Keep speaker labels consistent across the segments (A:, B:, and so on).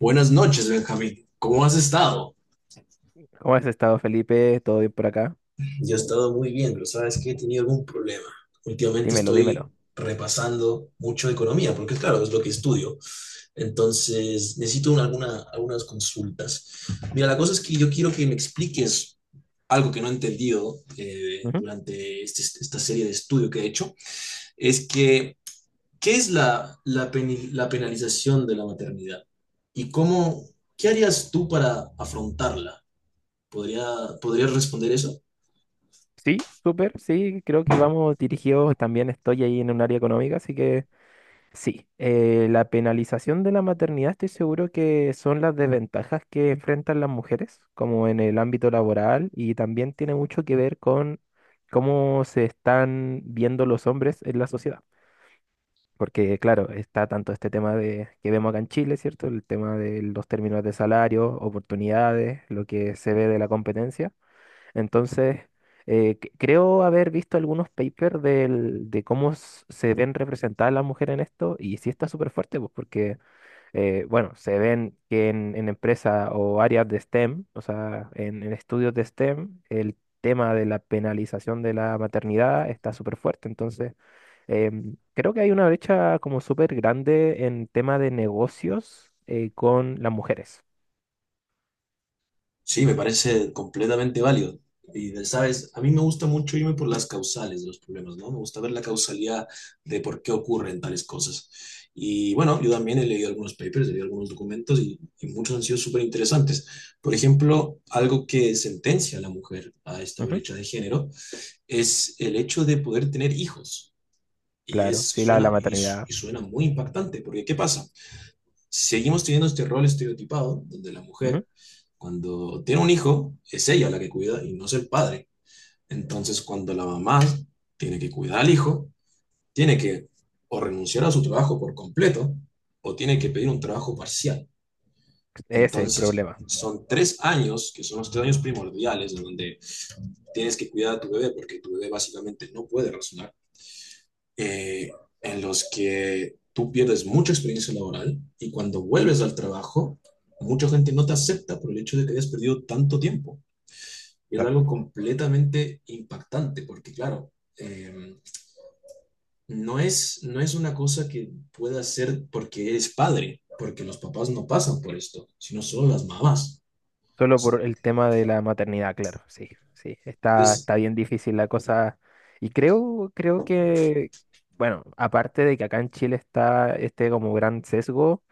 A: Buenas noches, Benjamín. ¿Cómo has estado?
B: ¿Cómo has estado, Felipe? ¿Todo bien por acá?
A: Yo he estado muy bien, pero sabes que he tenido algún problema. Últimamente
B: Dímelo,
A: estoy
B: dímelo.
A: repasando mucho economía, porque claro, es lo que estudio. Entonces, necesito algunas consultas. Mira, la cosa es que yo quiero que me expliques algo que no he entendido,
B: Ujú.
A: durante esta serie de estudio que he hecho. Es que, ¿qué es la penalización de la maternidad? ¿Y cómo, ¿Qué harías tú para afrontarla? ¿Podría, ¿Podrías responder eso?
B: Sí, súper, sí, creo que vamos dirigidos, también estoy ahí en un área económica, así que sí, la penalización de la maternidad estoy seguro que son las desventajas que enfrentan las mujeres, como en el ámbito laboral, y también tiene mucho que ver con cómo se están viendo los hombres en la sociedad. Porque, claro, está tanto este tema de que vemos acá en Chile, ¿cierto? El tema de los términos de salario, oportunidades, lo que se ve de la competencia. Entonces, creo haber visto algunos papers de cómo se ven representadas las mujeres en esto, y sí está súper fuerte, pues, porque, bueno, se ven que en empresas o áreas de STEM, o sea, en estudios de STEM, el tema de la penalización de la maternidad está súper fuerte. Entonces, creo que hay una brecha como súper grande en tema de negocios con las mujeres.
A: Sí, me parece completamente válido. Y, sabes, a mí me gusta mucho irme por las causales de los problemas, ¿no? Me gusta ver la causalidad de por qué ocurren tales cosas. Y bueno, yo también he leído algunos papers, he leído algunos documentos, y muchos han sido súper interesantes. Por ejemplo, algo que sentencia a la mujer a esta
B: Ujú.
A: brecha de género es el hecho de poder tener hijos. Y,
B: Claro,
A: es,
B: sí, la
A: suena, y, su-
B: maternidad.
A: y suena muy impactante, porque ¿qué pasa? Seguimos teniendo este rol estereotipado donde la
B: Ujú.
A: mujer, cuando tiene un hijo, es ella la que cuida y no es el padre. Entonces, cuando la mamá tiene que cuidar al hijo, tiene que o renunciar a su trabajo por completo o tiene que pedir un trabajo parcial.
B: Ese es el
A: Entonces,
B: problema.
A: son 3 años, que son los 3 años primordiales, en donde tienes que cuidar a tu bebé porque tu bebé básicamente no puede razonar, eh, en los que tú pierdes mucha experiencia laboral, y cuando vuelves al trabajo, mucha gente no te acepta por el hecho de que hayas perdido tanto tiempo. Y es algo
B: Exacto.
A: completamente impactante, porque claro, eh, no, no es una cosa que puedas hacer porque eres padre, porque los papás no pasan por esto, sino solo las mamás.
B: Solo por el tema de la maternidad, claro, sí, sí. Está,
A: Entonces,
B: está bien difícil la cosa. Y creo, creo que, bueno, aparte de que acá en Chile está este como gran sesgo,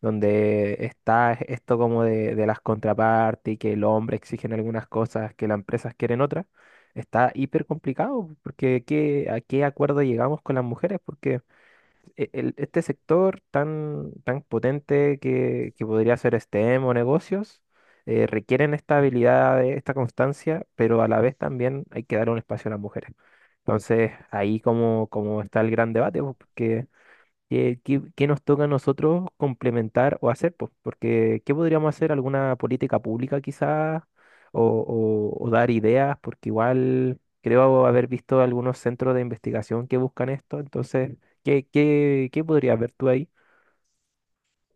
B: donde está esto como de las contrapartes y que el hombre exigen algunas cosas que las empresas quieren otras, está hiper complicado, porque ¿a qué acuerdo llegamos con las mujeres? Porque este sector tan, tan potente que podría ser STEM o negocios, requieren esta habilidad, esta constancia, pero a la vez también hay que dar un espacio a las mujeres. Entonces, ahí como, como está el gran debate, pues, porque ¿Qué, qué nos toca a nosotros complementar o hacer? Pues, porque ¿qué podríamos hacer? ¿Alguna política pública quizás? O, o dar ideas, porque igual creo haber visto algunos centros de investigación que buscan esto. Entonces, ¿qué, qué, qué podrías ver tú ahí?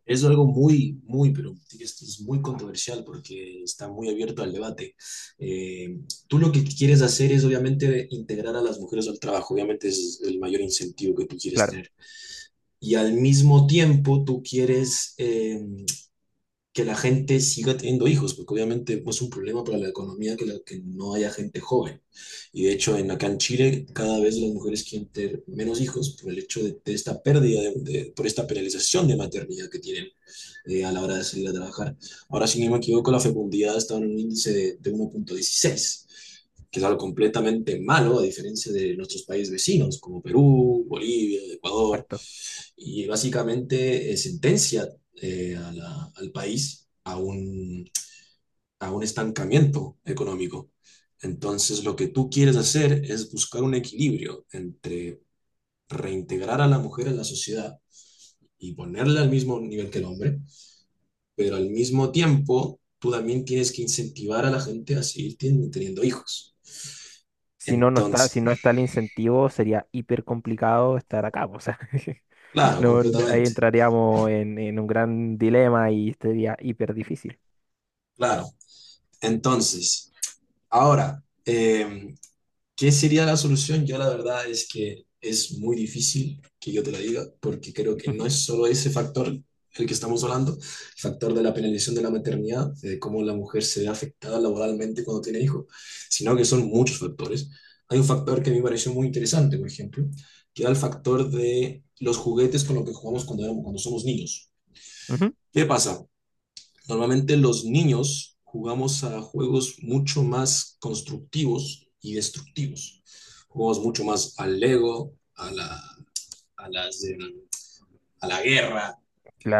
A: es algo muy, muy, pero esto es muy controversial porque está muy abierto al debate. Eh, Tú lo que quieres hacer es obviamente integrar a las mujeres al trabajo. Obviamente es el mayor incentivo que tú quieres
B: Claro,
A: tener. Y al mismo tiempo tú quieres que la gente siga teniendo hijos, porque obviamente es un problema para la economía que, que no haya gente joven. Y de hecho, acá en Chile, cada vez las mujeres quieren tener menos hijos por el hecho de esta pérdida, por esta penalización de maternidad que tienen a la hora de salir a trabajar. Ahora, si no me equivoco, la fecundidad está en un índice de 1,16, que es algo completamente malo, a diferencia de nuestros países vecinos, como Perú, Bolivia, Ecuador,
B: exacto.
A: y básicamente sentencia, al país a un estancamiento económico. Entonces, lo que tú quieres hacer es buscar un equilibrio entre reintegrar a la mujer en la sociedad y ponerla al mismo nivel que el hombre, pero al mismo tiempo tú también tienes que incentivar a la gente a seguir teniendo hijos.
B: Si no, no está,
A: Entonces,
B: si no está el incentivo, sería hiper complicado estar acá, po. O sea,
A: claro,
B: no, ahí
A: completamente,
B: entraríamos en un gran dilema y sería hiper difícil.
A: claro. Entonces, ahora, ¿qué sería la solución? Yo la verdad es que es muy difícil que yo te lo diga, porque creo que no es solo ese factor el que estamos hablando, el factor de la penalización de la maternidad, de cómo la mujer se ve afectada laboralmente cuando tiene hijos, sino que son muchos factores. Hay un factor que a mí me pareció muy interesante, por ejemplo, que era el factor de los juguetes con los que jugamos cuando somos niños.
B: Ujú.
A: ¿Qué pasa? Normalmente los niños jugamos a juegos mucho más constructivos y destructivos. Jugamos mucho más al Lego, a la, a las, de- a la guerra,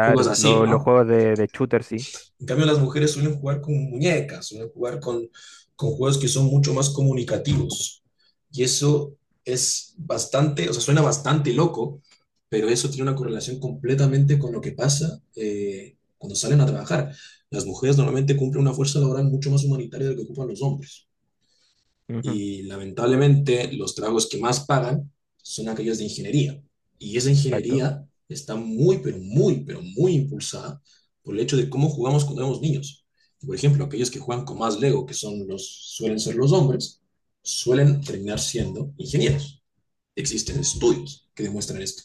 A: juegos así,
B: los
A: ¿no?
B: juegos de shooter sí.
A: En cambio, las mujeres suelen jugar con muñecas, suelen jugar con juegos que son mucho más comunicativos. Y eso es bastante, o sea, suena bastante loco, pero eso tiene una correlación completamente con lo que pasa cuando salen a trabajar. Las mujeres normalmente cumplen una fuerza laboral mucho más humanitaria de lo que ocupan los hombres.
B: Ujú,
A: Y lamentablemente los trabajos que más pagan son aquellos de ingeniería. Y esa
B: exacto.
A: ingeniería está muy, pero muy, pero muy impulsada por el hecho de cómo jugamos cuando éramos niños. Por ejemplo, aquellos que juegan con más Lego, suelen ser los hombres, suelen terminar siendo ingenieros. Existen estudios que demuestran esto.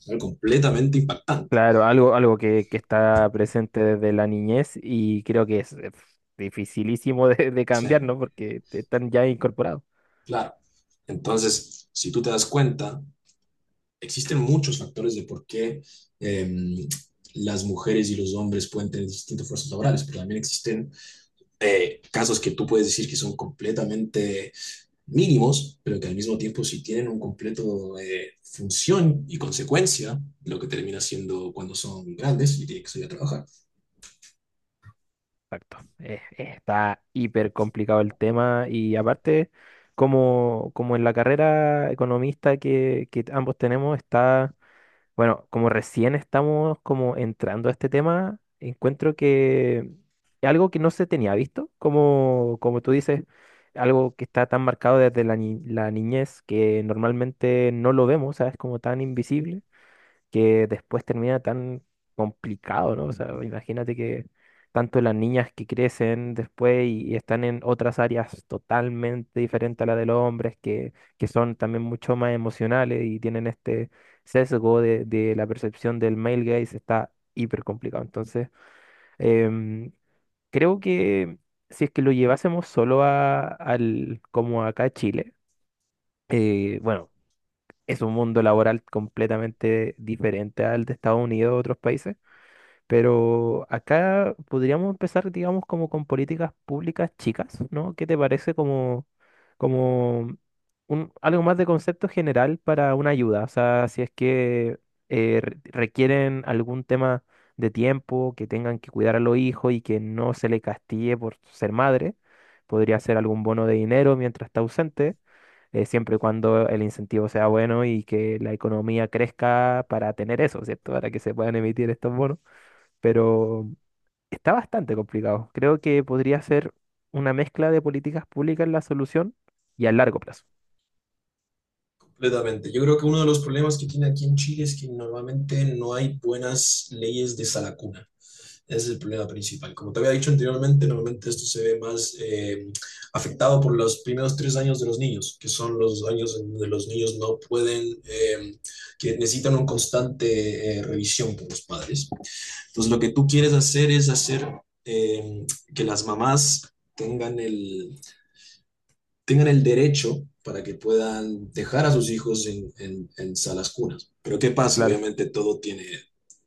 A: Es algo completamente impactante.
B: Claro, algo, algo que está presente desde la niñez y creo que es dificilísimo de
A: Sí,
B: cambiar, ¿no? Porque te están ya incorporados.
A: claro. Entonces, si tú te das cuenta, existen muchos factores de por qué eh, las mujeres y los hombres pueden tener distintas fuerzas laborales, pero también existen casos que tú puedes decir que son completamente mínimos, pero que al mismo tiempo sí tienen un completo función y consecuencia, lo que termina siendo cuando son grandes y tienen que salir a trabajar.
B: Exacto. Está hiper complicado el tema y aparte, como, como en la carrera economista que ambos tenemos, está. Bueno, como recién estamos como entrando a este tema, encuentro que algo que no se tenía visto, como, como tú dices, algo que está tan marcado desde la, la niñez que normalmente no lo vemos, ¿sabes? Como tan invisible que después termina tan complicado, ¿no? O sea, imagínate que tanto las niñas que crecen después y están en otras áreas totalmente diferentes a la de los hombres, que son también mucho más emocionales y tienen este sesgo de la percepción del male gaze, está hiper complicado. Entonces, em, creo que si es que lo llevásemos solo a, al, como acá a Chile, bueno, es un mundo laboral completamente diferente al de Estados Unidos o otros países, pero acá podríamos empezar, digamos, como con políticas públicas chicas, ¿no? ¿Qué te parece como, como un, algo más de concepto general para una ayuda? O sea, si es que requieren algún tema de tiempo, que tengan que cuidar a los hijos y que no se le castigue por ser madre, podría ser algún bono de dinero mientras está ausente, siempre y cuando el incentivo sea bueno y que la economía crezca para tener eso, ¿cierto? Para que se puedan emitir estos bonos. Pero está bastante complicado. Creo que podría ser una mezcla de políticas públicas la solución y a largo plazo.
A: Completamente. Yo creo que uno de los problemas que tiene aquí en Chile es que normalmente no hay buenas leyes de salacuna. Ese es el problema principal. Como te había dicho anteriormente, normalmente esto se ve más afectado por los primeros 3 años de los niños, que son los años en donde los niños no pueden, que necesitan una constante revisión por los padres. Entonces, lo que tú quieres hacer es hacer eh, que las mamás tengan el, tengan el derecho para que puedan dejar a sus hijos en salas cunas. Pero ¿qué pasa?
B: Claro,
A: Obviamente todo tiene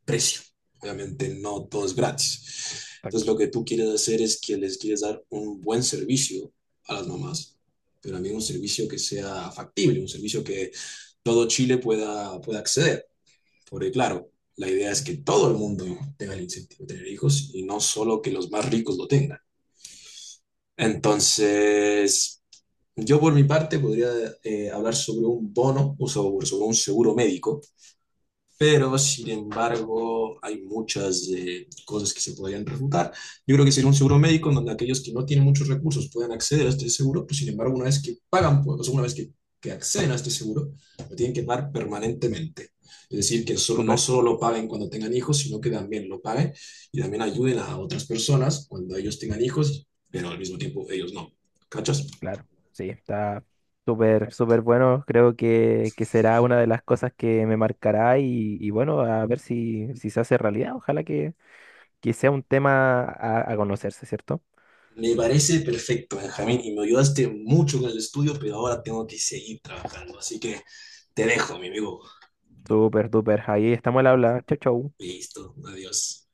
A: precio, obviamente no todo es gratis. Entonces,
B: exacto.
A: lo que tú quieres hacer es que les quieres dar un buen servicio a las mamás, pero también un servicio que sea factible, un servicio que todo Chile pueda acceder. Porque claro, la idea es que todo el mundo tenga el incentivo de tener hijos y no solo que los más ricos lo tengan. Entonces, yo por mi parte podría hablar sobre un bono, o sobre un seguro médico, pero sin embargo hay muchas cosas que se podrían refutar. Yo creo que sería un seguro médico en donde aquellos que no tienen muchos recursos puedan acceder a este seguro, pero sin embargo una vez que pagan, pues, o sea, una vez que acceden a este seguro, lo tienen que pagar permanentemente. Es decir, que no
B: Súper,
A: solo lo paguen cuando tengan hijos, sino que también lo paguen y también ayuden a otras personas cuando ellos tengan hijos, pero al mismo tiempo ellos no. ¿Cachas?
B: claro. Sí, está súper, súper bueno. Creo que será una de las cosas que me marcará y bueno, a ver si, si se hace realidad. Ojalá que sea un tema a conocerse, ¿cierto?
A: Me parece perfecto, Benjamín, y me ayudaste mucho con el estudio, pero ahora tengo que seguir trabajando. Así que te dejo, mi amigo.
B: Súper, súper. Ahí estamos al habla. Chau, chau.
A: Listo, adiós.